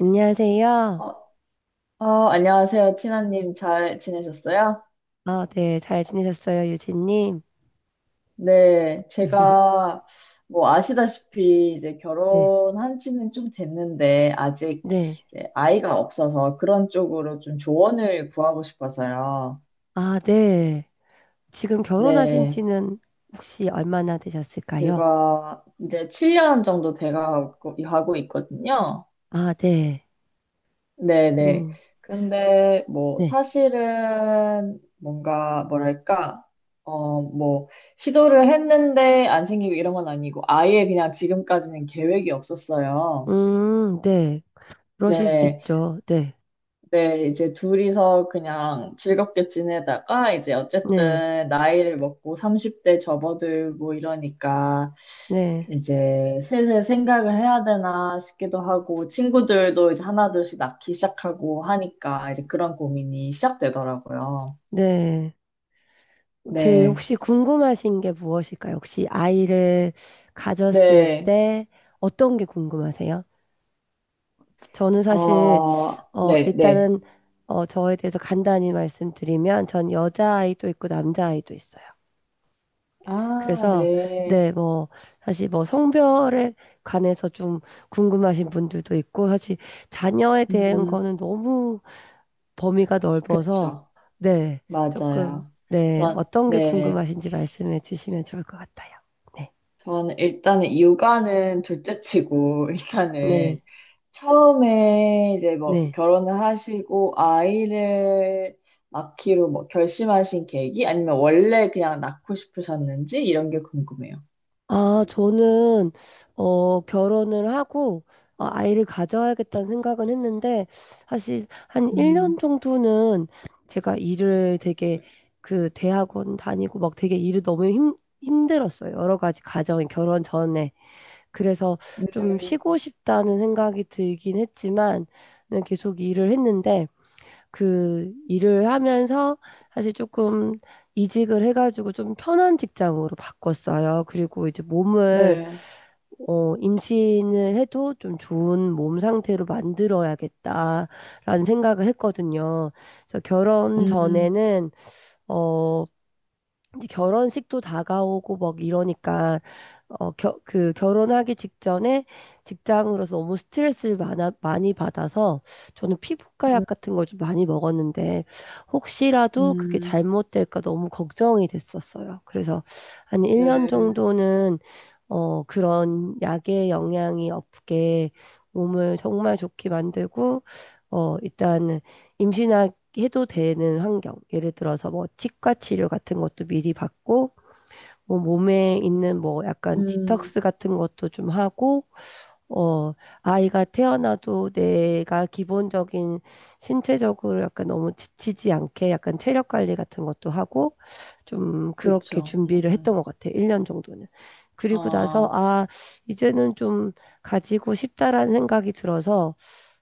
안녕하세요. 어, 안녕하세요, 티나님. 잘 지내셨어요? 아, 네. 잘 지내셨어요, 유진님? 네, 제가 뭐 아시다시피 이제 네. 결혼한 지는 좀 됐는데 아직 네. 이제 아이가 없어서 그런 쪽으로 좀 조언을 구하고 싶어서요. 아, 네. 지금 결혼하신 네, 지는 혹시 얼마나 되셨을까요? 제가 이제 7년 정도 돼가고 하고 있거든요. 아, 네. 네네. 음, 근데 뭐 네. 사실은 뭔가 뭐랄까, 어, 뭐 시도를 했는데 안 생기고 이런 건 아니고 아예 그냥 지금까지는 계획이 없었어요. 네. 그러실 수 네. 있죠. 네. 네, 이제 둘이서 그냥 즐겁게 지내다가 이제 네. 어쨌든 나이를 먹고 30대 접어들고 이러니까 네. 이제 슬슬 생각을 해야 되나 싶기도 하고 친구들도 이제 하나둘씩 낳기 시작하고 하니까 이제 그런 고민이 시작되더라고요. 네. 제 네, 혹시 궁금하신 게 무엇일까요? 혹시 아이를 가졌을 네, 때 어떤 게 궁금하세요? 저는 사실 어, 네, 네. 일단은 저에 대해서 간단히 말씀드리면 전 여자아이도 있고 남자아이도 있어요. 아, 그래서 네. 네, 뭐 사실 뭐 성별에 관해서 좀 궁금하신 분들도 있고 사실 자녀에 대한 음, 거는 너무 범위가 넓어서 그쵸. 네, 맞아요. 조금 네, 전, 어떤 게 네. 궁금하신지 말씀해 주시면 좋을 것 같아요. 네. 저는 일단은 육아는 둘째 치고, 네. 일단은 처음에 이제 뭐 네. 결혼을 하시고 아이를 낳기로 뭐 결심하신 계기? 아니면 원래 그냥 낳고 싶으셨는지? 이런 게 궁금해요. 아, 저는, 결혼을 하고, 아이를 가져야겠다는 생각은 했는데, 사실 한 1년 음, 정도는 제가 일을 되게, 그, 대학원 다니고 막 되게 일을 너무 힘들었어요. 여러 가지 가정이 결혼 전에. 그래서 네. 좀 쉬고 싶다는 생각이 들긴 했지만, 네, 계속 일을 했는데, 그 일을 하면서 사실 조금 이직을 해가지고 좀 편한 직장으로 바꿨어요. 그리고 이제 몸을 네. 임신을 해도 좀 좋은 몸 상태로 만들어야겠다라는 생각을 했거든요. 그래서 결혼 음, 전에는 어, 이제 결혼식도 다가오고 막 이러니까 그 결혼하기 직전에 직장으로서 너무 스트레스를 많이 받아서 저는 피부과 음, 약 같은 걸 좀 많이 먹었는데 혹시라도 그게 음, 잘못될까 너무 걱정이 됐었어요. 그래서 한 1년 네. 정도는 그런 약의 영향이 없게 몸을 정말 좋게 만들고 일단 임신하기 해도 되는 환경. 예를 들어서 뭐 치과 치료 같은 것도 미리 받고 뭐 몸에 있는 뭐 약간 음, 디톡스 같은 것도 좀 하고, 어, 아이가 태어나도 내가 기본적인 신체적으로 약간 너무 지치지 않게 약간 체력 관리 같은 것도 하고, 좀 그렇게 그쵸. 준비를 했던 것 같아요. 1년 정도는. 그리고 나서, 아, 아, 이제는 좀 가지고 싶다라는 생각이 들어서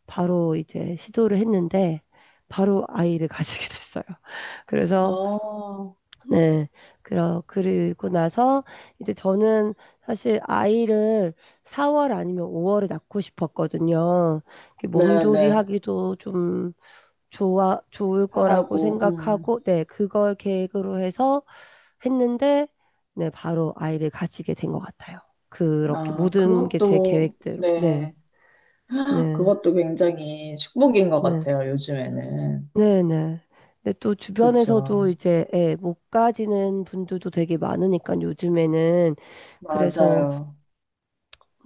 바로 이제 시도를 했는데, 바로 아이를 가지게 됐어요. 그래서 어, 네. 그리고 나서 이제 저는 사실 아이를 4월 아니면 5월에 낳고 싶었거든요. 이렇게 네네. 몸조리하기도 좀 좋을 거라고 편하고, 생각하고, 네. 그걸 계획으로 해서 했는데, 네. 바로 아이를 가지게 된 것 같아요. 그렇게 아, 모든 게 제 그것도, 계획대로. 네. 네. 네. 그것도 굉장히 축복인 것 네. 같아요, 요즘에는. 네네. 근데 또 주변에서도 그쵸. 이제 예, 못 가지는 분들도 되게 많으니까 요즘에는 그래서 맞아요.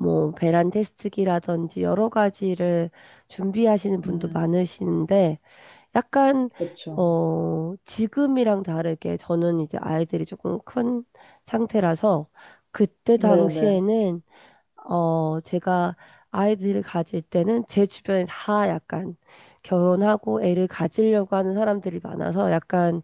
뭐 배란 테스트기라든지 여러 가지를 준비하시는 분도 음, 많으시는데 약간 그쵸. 지금이랑 다르게 저는 이제 아이들이 조금 큰 상태라서 그때 네네. 당시에는 제가 아이들을 가질 때는 제 주변에 다 약간 결혼하고 애를 가지려고 하는 사람들이 많아서 약간,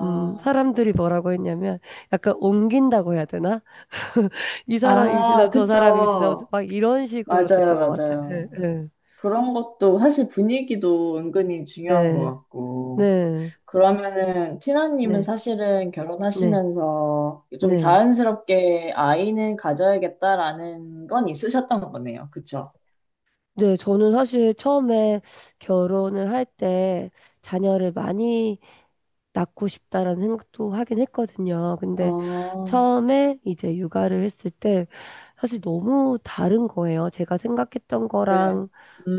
음, 사람들이 뭐라고 했냐면 약간 옮긴다고 해야 되나? 이 사람 임신하면 아, 저 사람 임신하고 그쵸. 막 이런 식으로 맞아요, 됐던 것 같아요. 맞아요. 네, 그런 것도 사실 분위기도 은근히 중요한 것 네, 같고. 네, 그러면은, 티나님은 네, 사실은 네, 결혼하시면서 좀 네. 자연스럽게 아이는 가져야겠다라는 건 있으셨던 거네요. 그쵸? 네, 저는 사실 처음에 결혼을 할 때 자녀를 많이 낳고 싶다라는 생각도 하긴 했거든요. 근데 어, 처음에 이제 육아를 했을 때 사실 너무 다른 거예요. 제가 생각했던 네. 거랑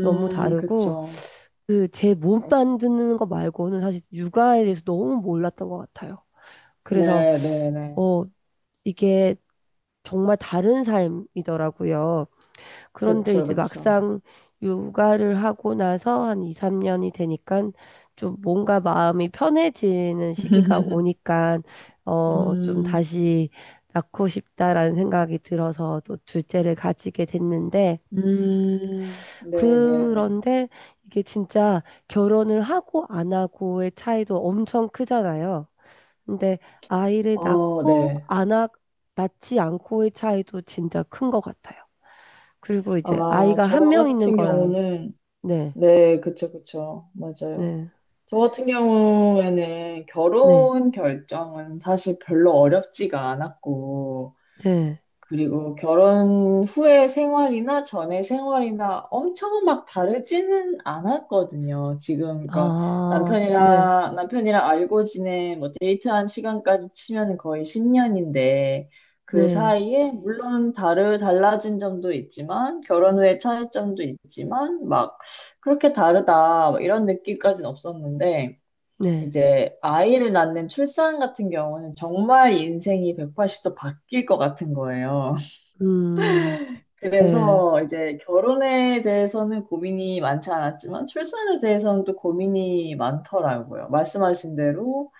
너무 다르고 그쵸. 그 제 몸 만드는 거 말고는 사실 육아에 대해서 너무 몰랐던 것 같아요. 그래서 네, 네, 네. 어 이게 정말 다른 삶이더라고요. 그런데 그쵸, 이제 그쵸. 막상 육아를 하고 나서 한 2, 3년이 되니까 좀 뭔가 마음이 편해지는 시기가 오니까 좀 음, 다시 낳고 싶다라는 생각이 들어서 또 둘째를 가지게 됐는데 네, 네, 네. 그런데 이게 진짜 결혼을 하고 안 하고의 차이도 엄청 크잖아요. 근데 아이를 어, 낳고 네. 안 하, 낳지 않고의 차이도 진짜 큰 것 같아요. 그리고 이제 아, 아이가 저 한 명 있는 같은 거랑 경우는, 네, 네, 그쵸, 그쵸. 맞아요. 네, 저 같은 경우에는 네, 결혼 결정은 사실 별로 어렵지가 않았고, 네. 그리고 결혼 후의 생활이나 전의 생활이나 엄청 막 다르지는 않았거든요. 지금 그러니까 아, 네, 남편이랑 알고 지낸 뭐 데이트한 시간까지 치면 거의 10년인데 그 네, 사이에 물론 다르 달라진 점도 있지만 결혼 후의 차이점도 있지만 막 그렇게 다르다 막 이런 느낌까지는 없었는데 네. 이제 아이를 낳는 출산 같은 경우는 정말 인생이 180도 바뀔 것 같은 거예요. 음, 네, 그래서 이제 결혼에 대해서는 고민이 많지 않았지만 출산에 대해서는 또 고민이 많더라고요. 말씀하신 대로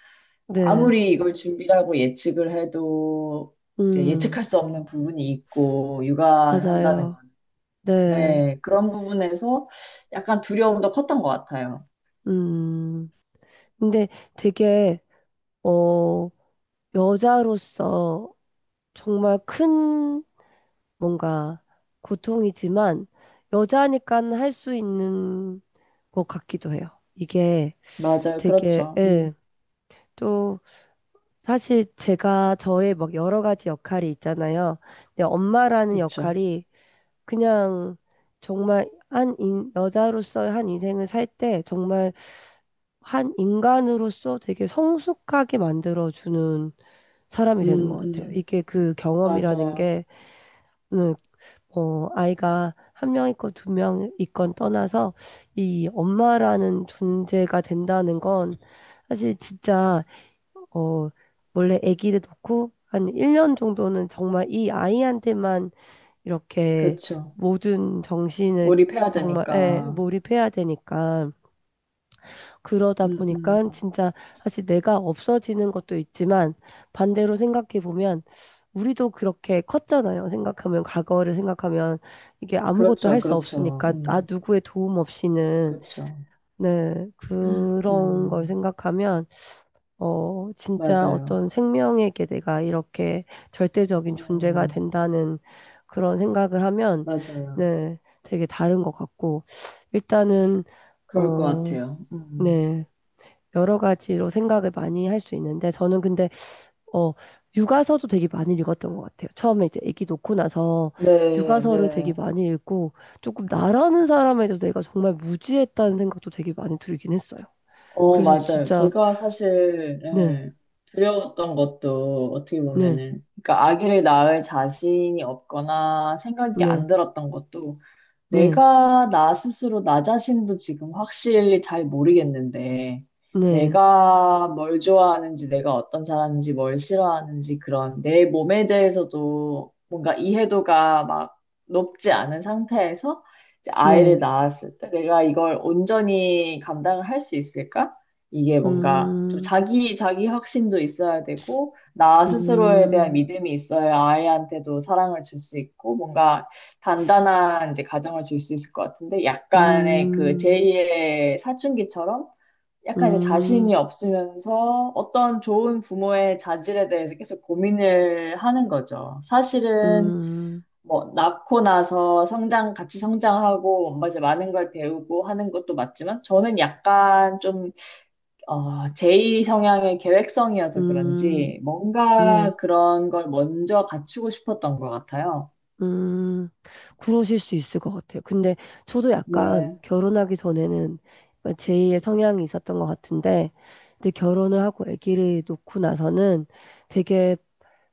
네. 아무리 이걸 준비하고 예측을 해도 이제 음, 예측할 수 없는 부분이 있고 육아를 한다는 맞아요. 건. 네, 네, 그런 부분에서 약간 두려움도 컸던 것 같아요. 음. 근데 되게, 어, 여자로서 정말 큰 뭔가 고통이지만 여자니까 할 수 있는 것 같기도 해요. 이게 맞아요. 되게, 그렇죠. 예, 또, 사실 제가 저의 막 여러 가지 역할이 있잖아요. 근데 엄마라는 그렇죠. 역할이 그냥 정말 여자로서의 한 인생을 살 때 정말 한 인간으로서 되게 성숙하게 만들어주는 사람이 되는 음, 것 같아요. 음, 이게 그 경험이라는 맞아요. 게, 음, 아이가 한 명 있건 두 명 있건 떠나서 이 엄마라는 존재가 된다는 건 사실 진짜 어, 원래 아기를 놓고 한 1년 정도는 정말 이 아이한테만 이렇게 그렇죠. 모든 정신을 몰입해야 정말 예, 되니까. 몰입해야 되니까 그러다 음, 음, 보니까 진짜 사실 내가 없어지는 것도 있지만 반대로 생각해 보면 우리도 그렇게 컸잖아요. 생각하면 과거를 생각하면 이게 아무것도 그렇죠. 할 수 그렇죠. 없으니까 나 누구의 도움 없이는 그렇죠. 네, 그런 걸 음, 생각하면 진짜 맞아요. 어떤 생명에게 내가 이렇게 절대적인 존재가 음, 된다는 그런 생각을 하면, 맞아요. 네, 되게 다른 것 같고, 일단은, 그럴 것 어, 같아요. 음. 네, 여러 가지로 생각을 많이 할 수 있는데, 저는 근데, 어, 육아서도 되게 많이 읽었던 것 같아요. 처음에 이제 아기 놓고 나서 네, 육아서를 되게 네. 많이 읽고, 조금 나라는 사람에 대해서 내가 정말 무지했다는 생각도 되게 많이 들긴 했어요. 어, 그래서 맞아요. 진짜, 제가 사실, 네, 예, 두려웠던 것도 어떻게 네, 보면은, 그러니까 아기를 낳을 자신이 없거나 생각이 네, 안 들었던 것도 네. 내가 나 스스로 나 자신도 지금 확실히 잘 모르겠는데, 네, 내가 뭘 좋아하는지, 내가 어떤 사람인지, 뭘 싫어하는지, 그런 내 몸에 대해서도 뭔가 이해도가 막 높지 않은 상태에서 이제 아이를 네, 낳았을 때 내가 이걸 온전히 감당을 할 수 있을까? 이게 뭔가 좀 음, 자기 확신도 있어야 되고, 나 스스로에 대한 음, 믿음이 있어야 아이한테도 사랑을 줄 수 있고, 뭔가 단단한 이제 가정을 줄 수 있을 것 같은데 약간의 그 제 음, 이의 사춘기처럼 약간 이제 음, 자신이 없으면서 어떤 좋은 부모의 자질에 대해서 계속 고민을 하는 거죠. 사실은 음, 뭐 낳고 나서 성장 같이 성장하고 뭔가 이제 많은 걸 배우고 하는 것도 맞지만 저는 약간 좀 제이 성향의 계획성이어서 음, 그런지 네, 뭔가 그런 걸 먼저 갖추고 싶었던 것 같아요. 음, 그러실 수 있을 것 같아요. 근데 저도 약간 네. 결혼하기 전에는 제2의 성향이 있었던 것 같은데, 근데 결혼을 하고 아기를 놓고 나서는 되게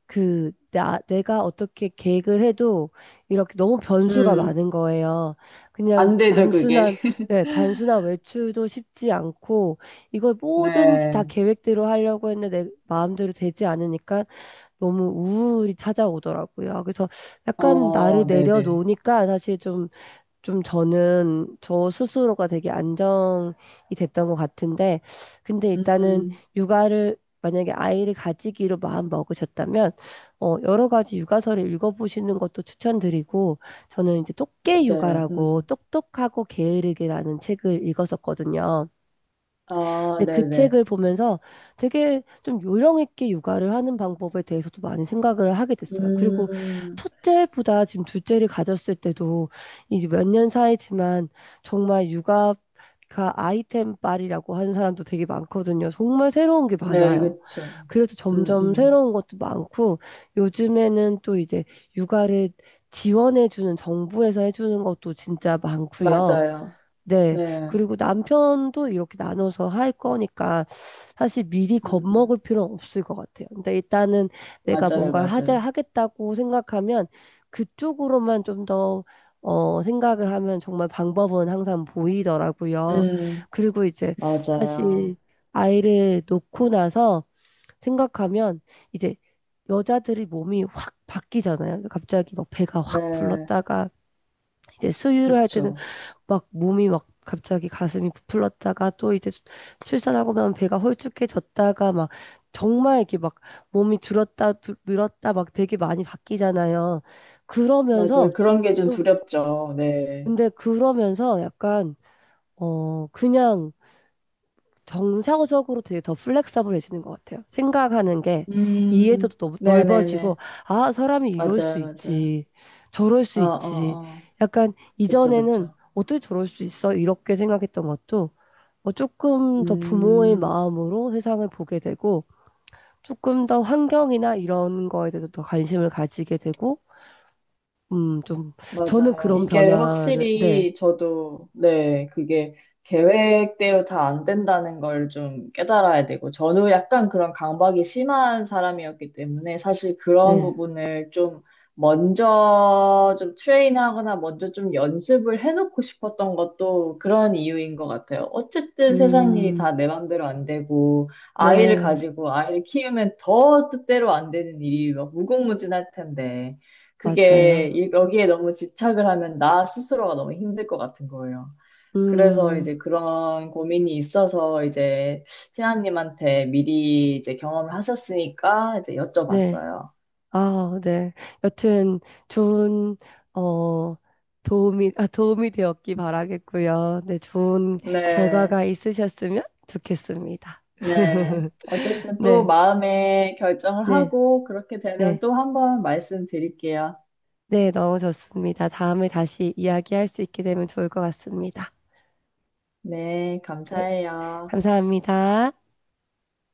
내가 어떻게 계획을 해도 이렇게 너무 변수가 음. 많은 거예요. 그냥 안 되죠, 그게. 단순한, 네, 단순한 외출도 쉽지 않고, 이걸 뭐든지 다 네. 계획대로 하려고 했는데 내 마음대로 되지 않으니까 너무 우울이 찾아오더라고요. 그래서 약간 나를 어, 네네. 내려놓으니까 사실 좀 저는 저 스스로가 되게 안정이 됐던 것 같은데, 근데 일단은 음, 육아를 만약에 아이를 가지기로 마음 먹으셨다면, 여러 가지 육아서를 읽어보시는 것도 추천드리고, 저는 이제 똑개 맞아요. 육아라고 음. 똑똑하고 게으르기라는 책을 읽었었거든요. 아, 근데 그 네네. 책을 보면서 되게 좀 요령 있게 육아를 하는 방법에 대해서도 많이 생각을 하게 됐어요. 그리고 음, 첫째보다 지금 둘째를 가졌을 때도 이제 몇 년 사이지만 정말 육아 가 아이템 빨이라고 하는 사람도 되게 많거든요. 정말 새로운 게 네, 많아요. 그쵸. 그래서 음, 점점 음. 새로운 것도 많고 요즘에는 또 이제 육아를 지원해주는 정부에서 해주는 것도 진짜 많고요. 맞아요. 네. 네. 그리고 남편도 이렇게 나눠서 할 거니까 사실 미리 음, 음. 겁먹을 필요는 없을 것 같아요. 근데 일단은 내가 맞아요, 뭔가를 맞아요. 하겠다고 생각하면 그쪽으로만 좀 더, 생각을 하면 정말 방법은 항상 보이더라고요. 음, 그리고 이제 사실 맞아요. 아이를 놓고 나서 생각하면 이제 여자들이 몸이 확 바뀌잖아요. 갑자기 막 배가 확 네, 불렀다가 이제 수유를 할 때는 그쵸. 막 몸이 막 갑자기 가슴이 부풀렀다가 또 이제 출산하고 나면 배가 홀쭉해졌다가 막 정말 이렇게 막 몸이 줄었다 늘었다 막 되게 많이 바뀌잖아요. 맞아요. 그러면서 그런 게 좀 좀- 두렵죠. 네. 근데 그러면서 약간 그냥 정상적으로 되게 더 플렉서블해지는 것 같아요. 생각하는 게 음, 이해도도 너무 넓어지고 네네네. 아 사람이 이럴 수 맞아요, 맞아요. 있지 저럴 수 어, 있지 어, 어. 약간 그쵸, 이전에는 그쵸. 어떻게 저럴 수 있어? 이렇게 생각했던 것도 조금 더 부모의 음. 마음으로 세상을 보게 되고, 조금 더 환경이나 이런 거에 대해서 더 관심을 가지게 되고, 좀, 저는 맞아요. 그런 이게 변화를, 네, 확실히 저도, 네, 그게 계획대로 다 안 된다는 걸 좀 깨달아야 되고, 저는 약간 그런 강박이 심한 사람이었기 때문에 사실 그런 네, 부분을 좀 먼저 좀 트레인하거나 먼저 좀 연습을 해놓고 싶었던 것도 그런 이유인 것 같아요. 어쨌든 세상 일이 음, 다 내 맘대로 안 되고, 아이를 네, 가지고 아이를 키우면 더 뜻대로 안 되는 일이 막 무궁무진할 텐데. 그게 맞아요. 여기에 너무 집착을 하면 나 스스로가 너무 힘들 것 같은 거예요. 그래서 음, 이제 그런 고민이 있어서 이제 티나님한테 미리 이제 경험을 하셨으니까 이제 네, 여쭤봤어요. 아, 네. 여튼, 좋은, 어, 도움이 되었기 바라겠고요. 네, 좋은 네, 결과가 있으셨으면 좋겠습니다. 네. 어쨌든 또 네, 마음의 결정을 네, 하고 그렇게 되면 네. 또 한번 말씀드릴게요. 네, 넣어줬습니다. 다음에 다시 이야기할 수 있게 되면 좋을 것 같습니다. 네, 네, 감사해요. 감사합니다.